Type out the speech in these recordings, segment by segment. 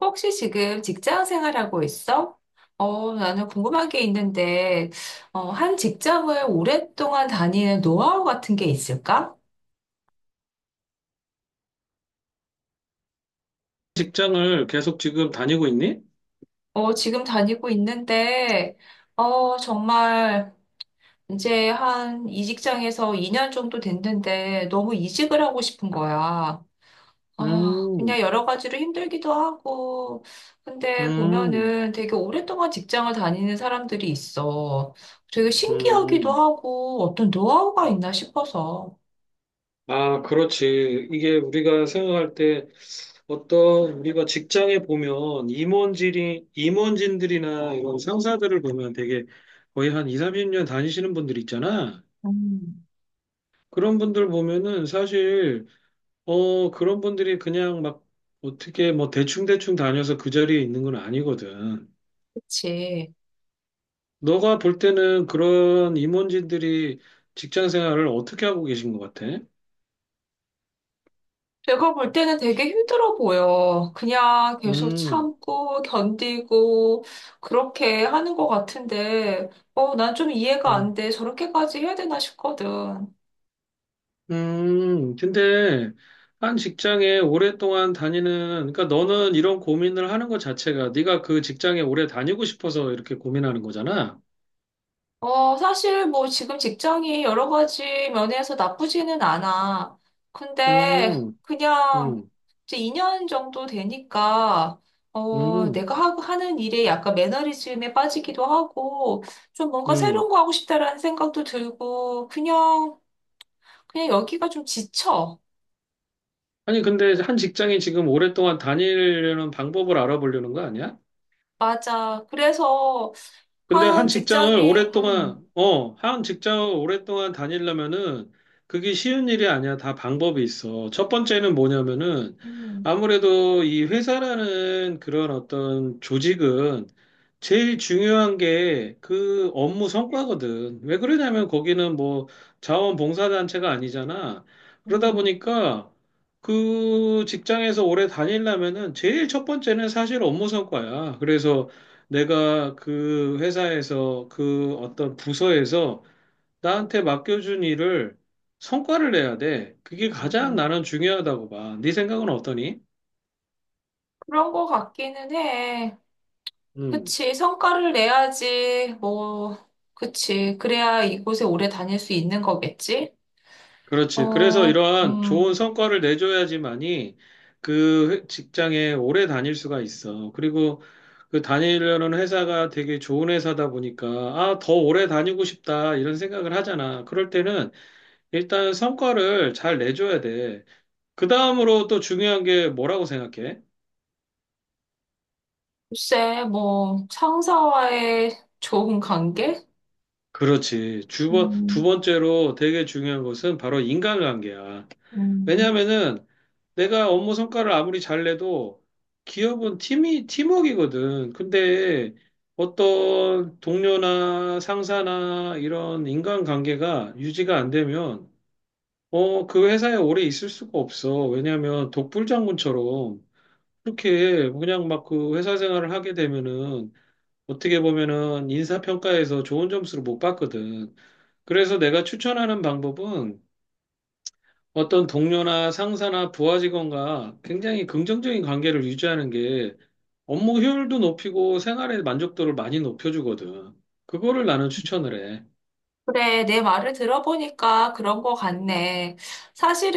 혹시 지금 직장 생활하고 있어? 나는 궁금한 게 있는데, 한 직장을 오랫동안 다니는 노하우 같은 게 있을까? 직장을 계속 지금 다니고 있니? 지금 다니고 있는데, 정말 이제 한 이 직장에서 2년 정도 됐는데 너무 이직을 하고 싶은 거야. 아, 음, 그냥 여러 가지로 힘들기도 하고, 근데 음, 보면은 되게 오랫동안 직장을 다니는 사람들이 있어. 되게 신기하기도 음. 하고, 어떤 노하우가 있나 싶어서. 아, 그렇지. 이게 우리가 생각할 때 어떤 우리가 직장에 보면 임원진들이나 이런 상사들을 보면 되게 거의 한 2, 30년 다니시는 분들 있잖아. 음, 그런 분들 보면은 사실, 그런 분들이 그냥 막 어떻게 뭐 대충대충 다녀서 그 자리에 있는 건 아니거든. 그치. 너가 볼 때는 그런 임원진들이 직장 생활을 어떻게 하고 계신 것 같아? 제가 볼 때는 되게 힘들어 보여. 그냥 계속 음, 참고, 견디고, 그렇게 하는 것 같은데, 난 좀 이해가 안 음, 돼. 저렇게까지 해야 되나 싶거든. 근데 한 직장에 오랫동안 다니는, 그러니까 너는 이런 고민을 하는 것 자체가 네가 그 직장에 오래 다니고 싶어서 이렇게 고민하는 거잖아. 어, 사실 뭐 지금 직장이 여러 가지 면에서 나쁘지는 않아. 근데 음, 그냥 음, 이제 2년 정도 되니까 음, 내가 하고 하는 일에 약간 매너리즘에 빠지기도 하고 좀 뭔가 음. 새로운 거 하고 싶다라는 생각도 들고 그냥 여기가 좀 지쳐. 아니, 근데 한 직장에 지금 오랫동안 다니려는 방법을 알아보려는 거 아니야? 맞아. 그래서 근데 한 직장에 한 직장을 오랫동안 다니려면은 그게 쉬운 일이 아니야. 다 방법이 있어. 첫 번째는 뭐냐면은 음, 아무래도 이 회사라는 그런 어떤 조직은 제일 중요한 게 그 업무 성과거든. 왜 그러냐면 거기는 뭐 자원봉사단체가 아니잖아. 그러다 음, 보니까 그 직장에서 오래 다니려면은 제일 첫 번째는 사실 업무 성과야. 그래서 내가 그 회사에서 그 어떤 부서에서 나한테 맡겨준 일을 성과를 내야 돼. 그게 가장 음. 나는 중요하다고 봐. 네 생각은 어떠니? 그런 거 같기는 해. 음, 그치. 성과를 내야지. 뭐, 그치. 그래야 이곳에 오래 다닐 수 있는 거겠지? 그렇지. 그래서 어, 이러한 좋은 음, 성과를 내줘야지만이 직장에 오래 다닐 수가 있어. 그리고 그 다니려는 회사가 되게 좋은 회사다 보니까 아, 더 오래 다니고 싶다 이런 생각을 하잖아. 그럴 때는 일단 성과를 잘 내줘야 돼. 그 다음으로 또 중요한 게 뭐라고 생각해? 글쎄, 뭐, 상사와의 좋은 관계? 그렇지. 두 번, 두 음, 번째로 되게 중요한 것은 바로 인간관계야. 음. 왜냐하면은 내가 업무 성과를 아무리 잘 내도 기업은 팀워크이거든. 근데 어떤 동료나 상사나 이런 인간관계가 유지가 안 되면 그 회사에 오래 있을 수가 없어. 왜냐하면 독불장군처럼 그렇게 그냥 막 그 회사 생활을 하게 되면은 어떻게 보면은 인사평가에서 좋은 점수를 못 받거든. 그래서 내가 추천하는 방법은 어떤 동료나 상사나 부하 직원과 굉장히 긍정적인 관계를 유지하는 게 업무 효율도 높이고 생활의 만족도를 많이 높여주거든. 그거를 나는 추천을 해. 그래, 내 말을 들어보니까 그런 거 같네.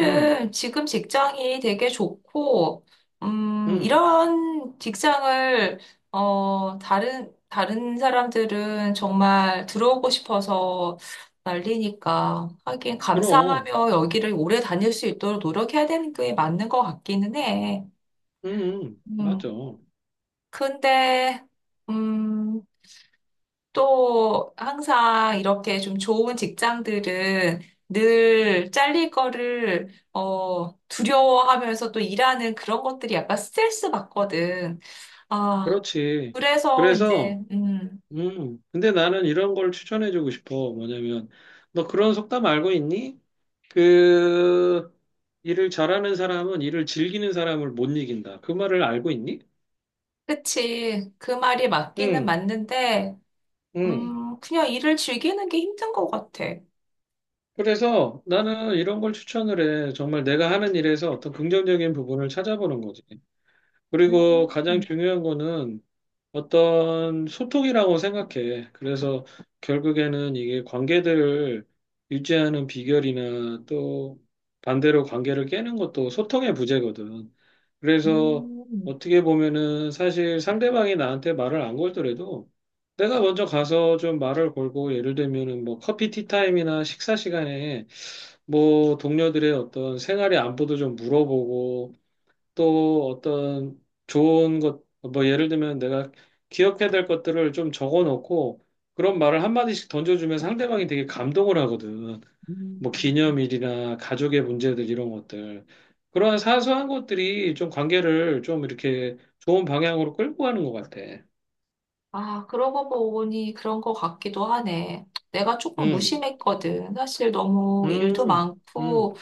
음, 지금 직장이 되게 좋고, 음, 이런 직장을, 다른 사람들은 정말 들어오고 싶어서 난리니까. 하긴 그럼, 감사하며 여기를 오래 다닐 수 있도록 노력해야 되는 게 맞는 것 같기는 해. 맞아. 음, 근데, 음, 또 항상 이렇게 좀 좋은 직장들은 늘 잘릴 거를 두려워하면서 또 일하는 그런 것들이 약간 스트레스 받거든. 아, 그렇지. 그래서 이제 그래서, 근데 나는 이런 걸 추천해주고 싶어. 뭐냐면, 너 그런 속담 알고 있니? 그 일을 잘하는 사람은 일을 즐기는 사람을 못 이긴다. 그 말을 알고 있니? 그치. 그 말이 맞기는 응, 맞는데 응. 그냥 일을 즐기는 게 힘든 것 같아. 그래서 나는 이런 걸 추천을 해. 정말 내가 하는 일에서 어떤 긍정적인 부분을 찾아보는 거지. 그리고 가장 음, 중요한 거는 어떤 소통이라고 생각해. 그래서 결국에는 이게 관계들을 유지하는 비결이나 또 반대로 관계를 깨는 것도 소통의 부재거든. 그래서 음, 어떻게 보면은 사실 상대방이 나한테 말을 안 걸더라도 내가 먼저 가서 좀 말을 걸고 예를 들면은 뭐 커피 티타임이나 식사 시간에 뭐 동료들의 어떤 생활의 안부도 좀 물어보고 또 어떤 좋은 것, 뭐 예를 들면 내가 기억해야 될 것들을 좀 적어 놓고 그런 말을 한마디씩 던져주면 상대방이 되게 감동을 하거든. 뭐 음. 기념일이나 가족의 문제들 이런 것들. 그런 사소한 것들이 좀 관계를 좀 이렇게 좋은 방향으로 끌고 가는 것 같아. 아, 그러고 보니 그런 것 같기도 하네. 내가 조금 음, 무심했거든. 사실 너무 일도 음, 음, 많고,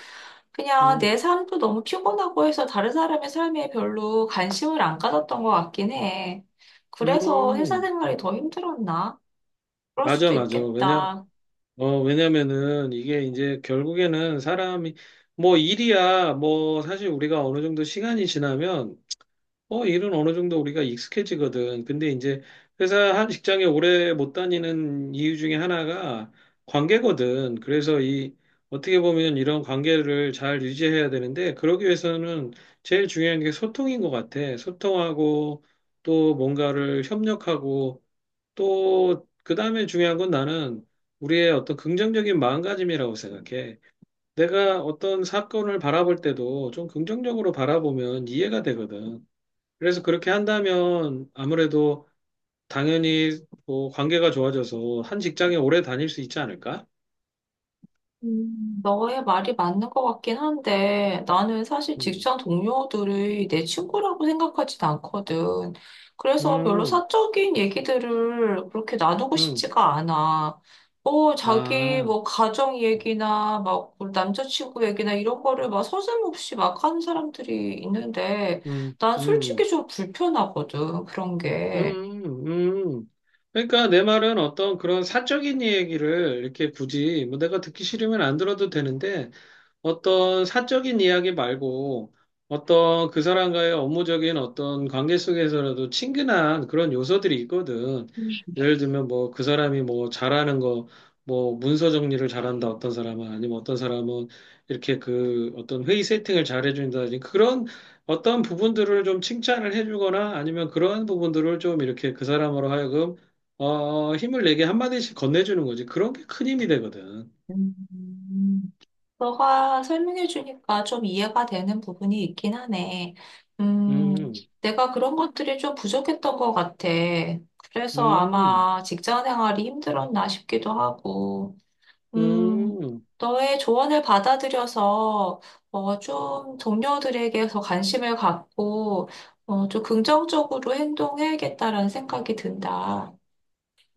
그냥 내 음, 삶도 너무 피곤하고 해서 다른 사람의 삶에 별로 관심을 안 가졌던 것 같긴 해. 그래서 회사 음. 생활이 더 힘들었나? 그럴 맞아, 수도 맞아. 왜냐, 있겠다. 어, 왜냐면은 이게 이제 결국에는 사람이 뭐 일이야 뭐 사실 우리가 어느 정도 시간이 지나면 일은 어느 정도 우리가 익숙해지거든. 근데 이제 회사 한 직장에 오래 못 다니는 이유 중에 하나가 관계거든. 그래서 이 어떻게 보면 이런 관계를 잘 유지해야 되는데 그러기 위해서는 제일 중요한 게 소통인 것 같아. 소통하고 또 뭔가를 협력하고 또, 그 다음에 중요한 건 나는 우리의 어떤 긍정적인 마음가짐이라고 생각해. 내가 어떤 사건을 바라볼 때도 좀 긍정적으로 바라보면 이해가 되거든. 그래서 그렇게 한다면 아무래도 당연히 뭐 관계가 좋아져서 한 직장에 오래 다닐 수 있지 않을까? 너의 말이 맞는 것 같긴 한데 나는 사실 음, 직장 동료들이 내 친구라고 생각하진 않거든. 그래서 별로 음, 사적인 얘기들을 그렇게 나누고 음. 싶지가 않아. 뭐 자기 아, 뭐 가정 음, 얘기나 뭐 남자친구 얘기나 이런 거를 막 서슴없이 막 하는 사람들이 있는데 음, 난 음, 솔직히 좀 불편하거든 그런 게. 음. 그러니까 내 말은 어떤 그런 사적인 얘기를 이렇게 굳이 뭐 내가 듣기 싫으면 안 들어도 되는데 어떤 사적인 이야기 말고 어떤 그 사람과의 업무적인 어떤 관계 속에서라도 친근한 그런 요소들이 있거든. 예를 들면 뭐 그 사람이 뭐 잘하는 거, 뭐 문서 정리를 잘한다 어떤 사람은 아니면 어떤 사람은 이렇게 그 어떤 회의 세팅을 잘 해준다든지 그런 어떤 부분들을 좀 칭찬을 해주거나 아니면 그러한 부분들을 좀 이렇게 그 사람으로 하여금 힘을 내게 한마디씩 건네주는 거지. 그런 게 큰 힘이 되거든. 음. 너가 설명해 주니까 좀 이해가 되는 부분이 있긴 하네. 음, 음, 내가 그런 것들이 좀 부족했던 것 같아. 그래서 음. 아마 직장 생활이 힘들었나 싶기도 하고, 음, 음, 너의 조언을 받아들여서 좀 동료들에게 더 관심을 갖고 좀 긍정적으로 행동해야겠다라는 생각이 든다.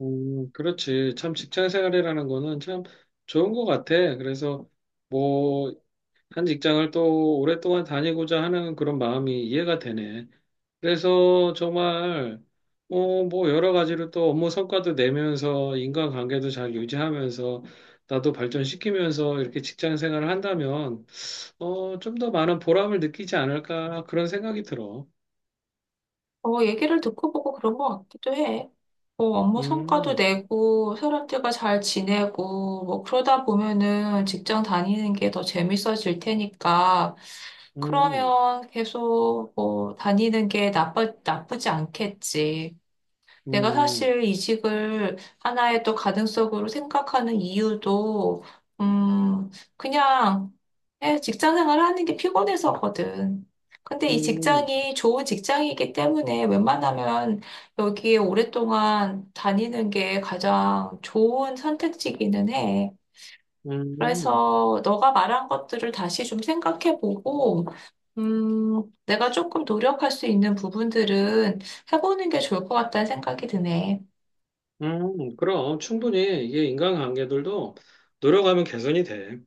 그렇지. 참 직장 생활이라는 거는 참 좋은 것 같아. 그래서 뭐, 한 직장을 또 오랫동안 다니고자 하는 그런 마음이 이해가 되네. 그래서 정말, 뭐, 여러 가지로 또 업무 성과도 내면서 인간관계도 잘 유지하면서 나도 발전시키면서 이렇게 직장 생활을 한다면, 좀 더 많은 보람을 느끼지 않을까 그런 생각이 들어. 어, 얘기를 듣고 보고 그런 것 같기도 해. 뭐 업무 성과도 음, 내고 사람들과 잘 지내고 뭐 그러다 보면은 직장 다니는 게 더 재밌어질 테니까 음, 그러면 계속 뭐 다니는 게 나쁘지 않겠지. 내가 음, 사실 이직을 하나의 또 가능성으로 생각하는 이유도, 음, 그냥 예, 직장 생활을 하는 게 피곤해서거든. 근데 이 음. 직장이 좋은 직장이기 때문에 웬만하면 여기에 오랫동안 다니는 게 가장 좋은 선택지기는 해. 음. 그래서 너가 말한 것들을 다시 좀 생각해보고, 내가 조금 노력할 수 있는 부분들은 해보는 게 좋을 것 같다는 생각이 드네. 그럼 충분히 이게 인간관계들도 노력하면 개선이 돼.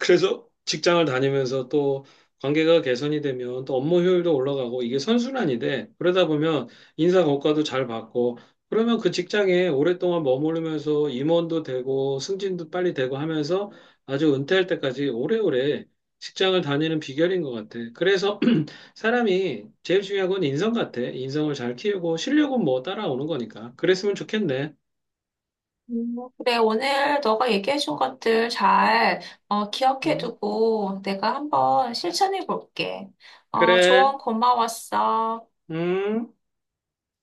그래서 직장을 다니면서 또 관계가 개선이 되면 또 업무 효율도 올라가고 이게 선순환이 돼. 그러다 보면 인사 고과도 잘 받고 그러면 그 직장에 오랫동안 머무르면서 임원도 되고 승진도 빨리 되고 하면서 아주 은퇴할 때까지 오래오래 직장을 다니는 비결인 것 같아. 그래서 사람이 제일 중요한 건 인성 같아. 인성을 잘 키우고 실력은 뭐 따라오는 거니까. 그랬으면 좋겠네. 그래, 오늘 너가 얘기해준 것들 잘 음. 기억해두고 내가 한번 실천해 볼게. 어, 그래, 조언 고마웠어. 음.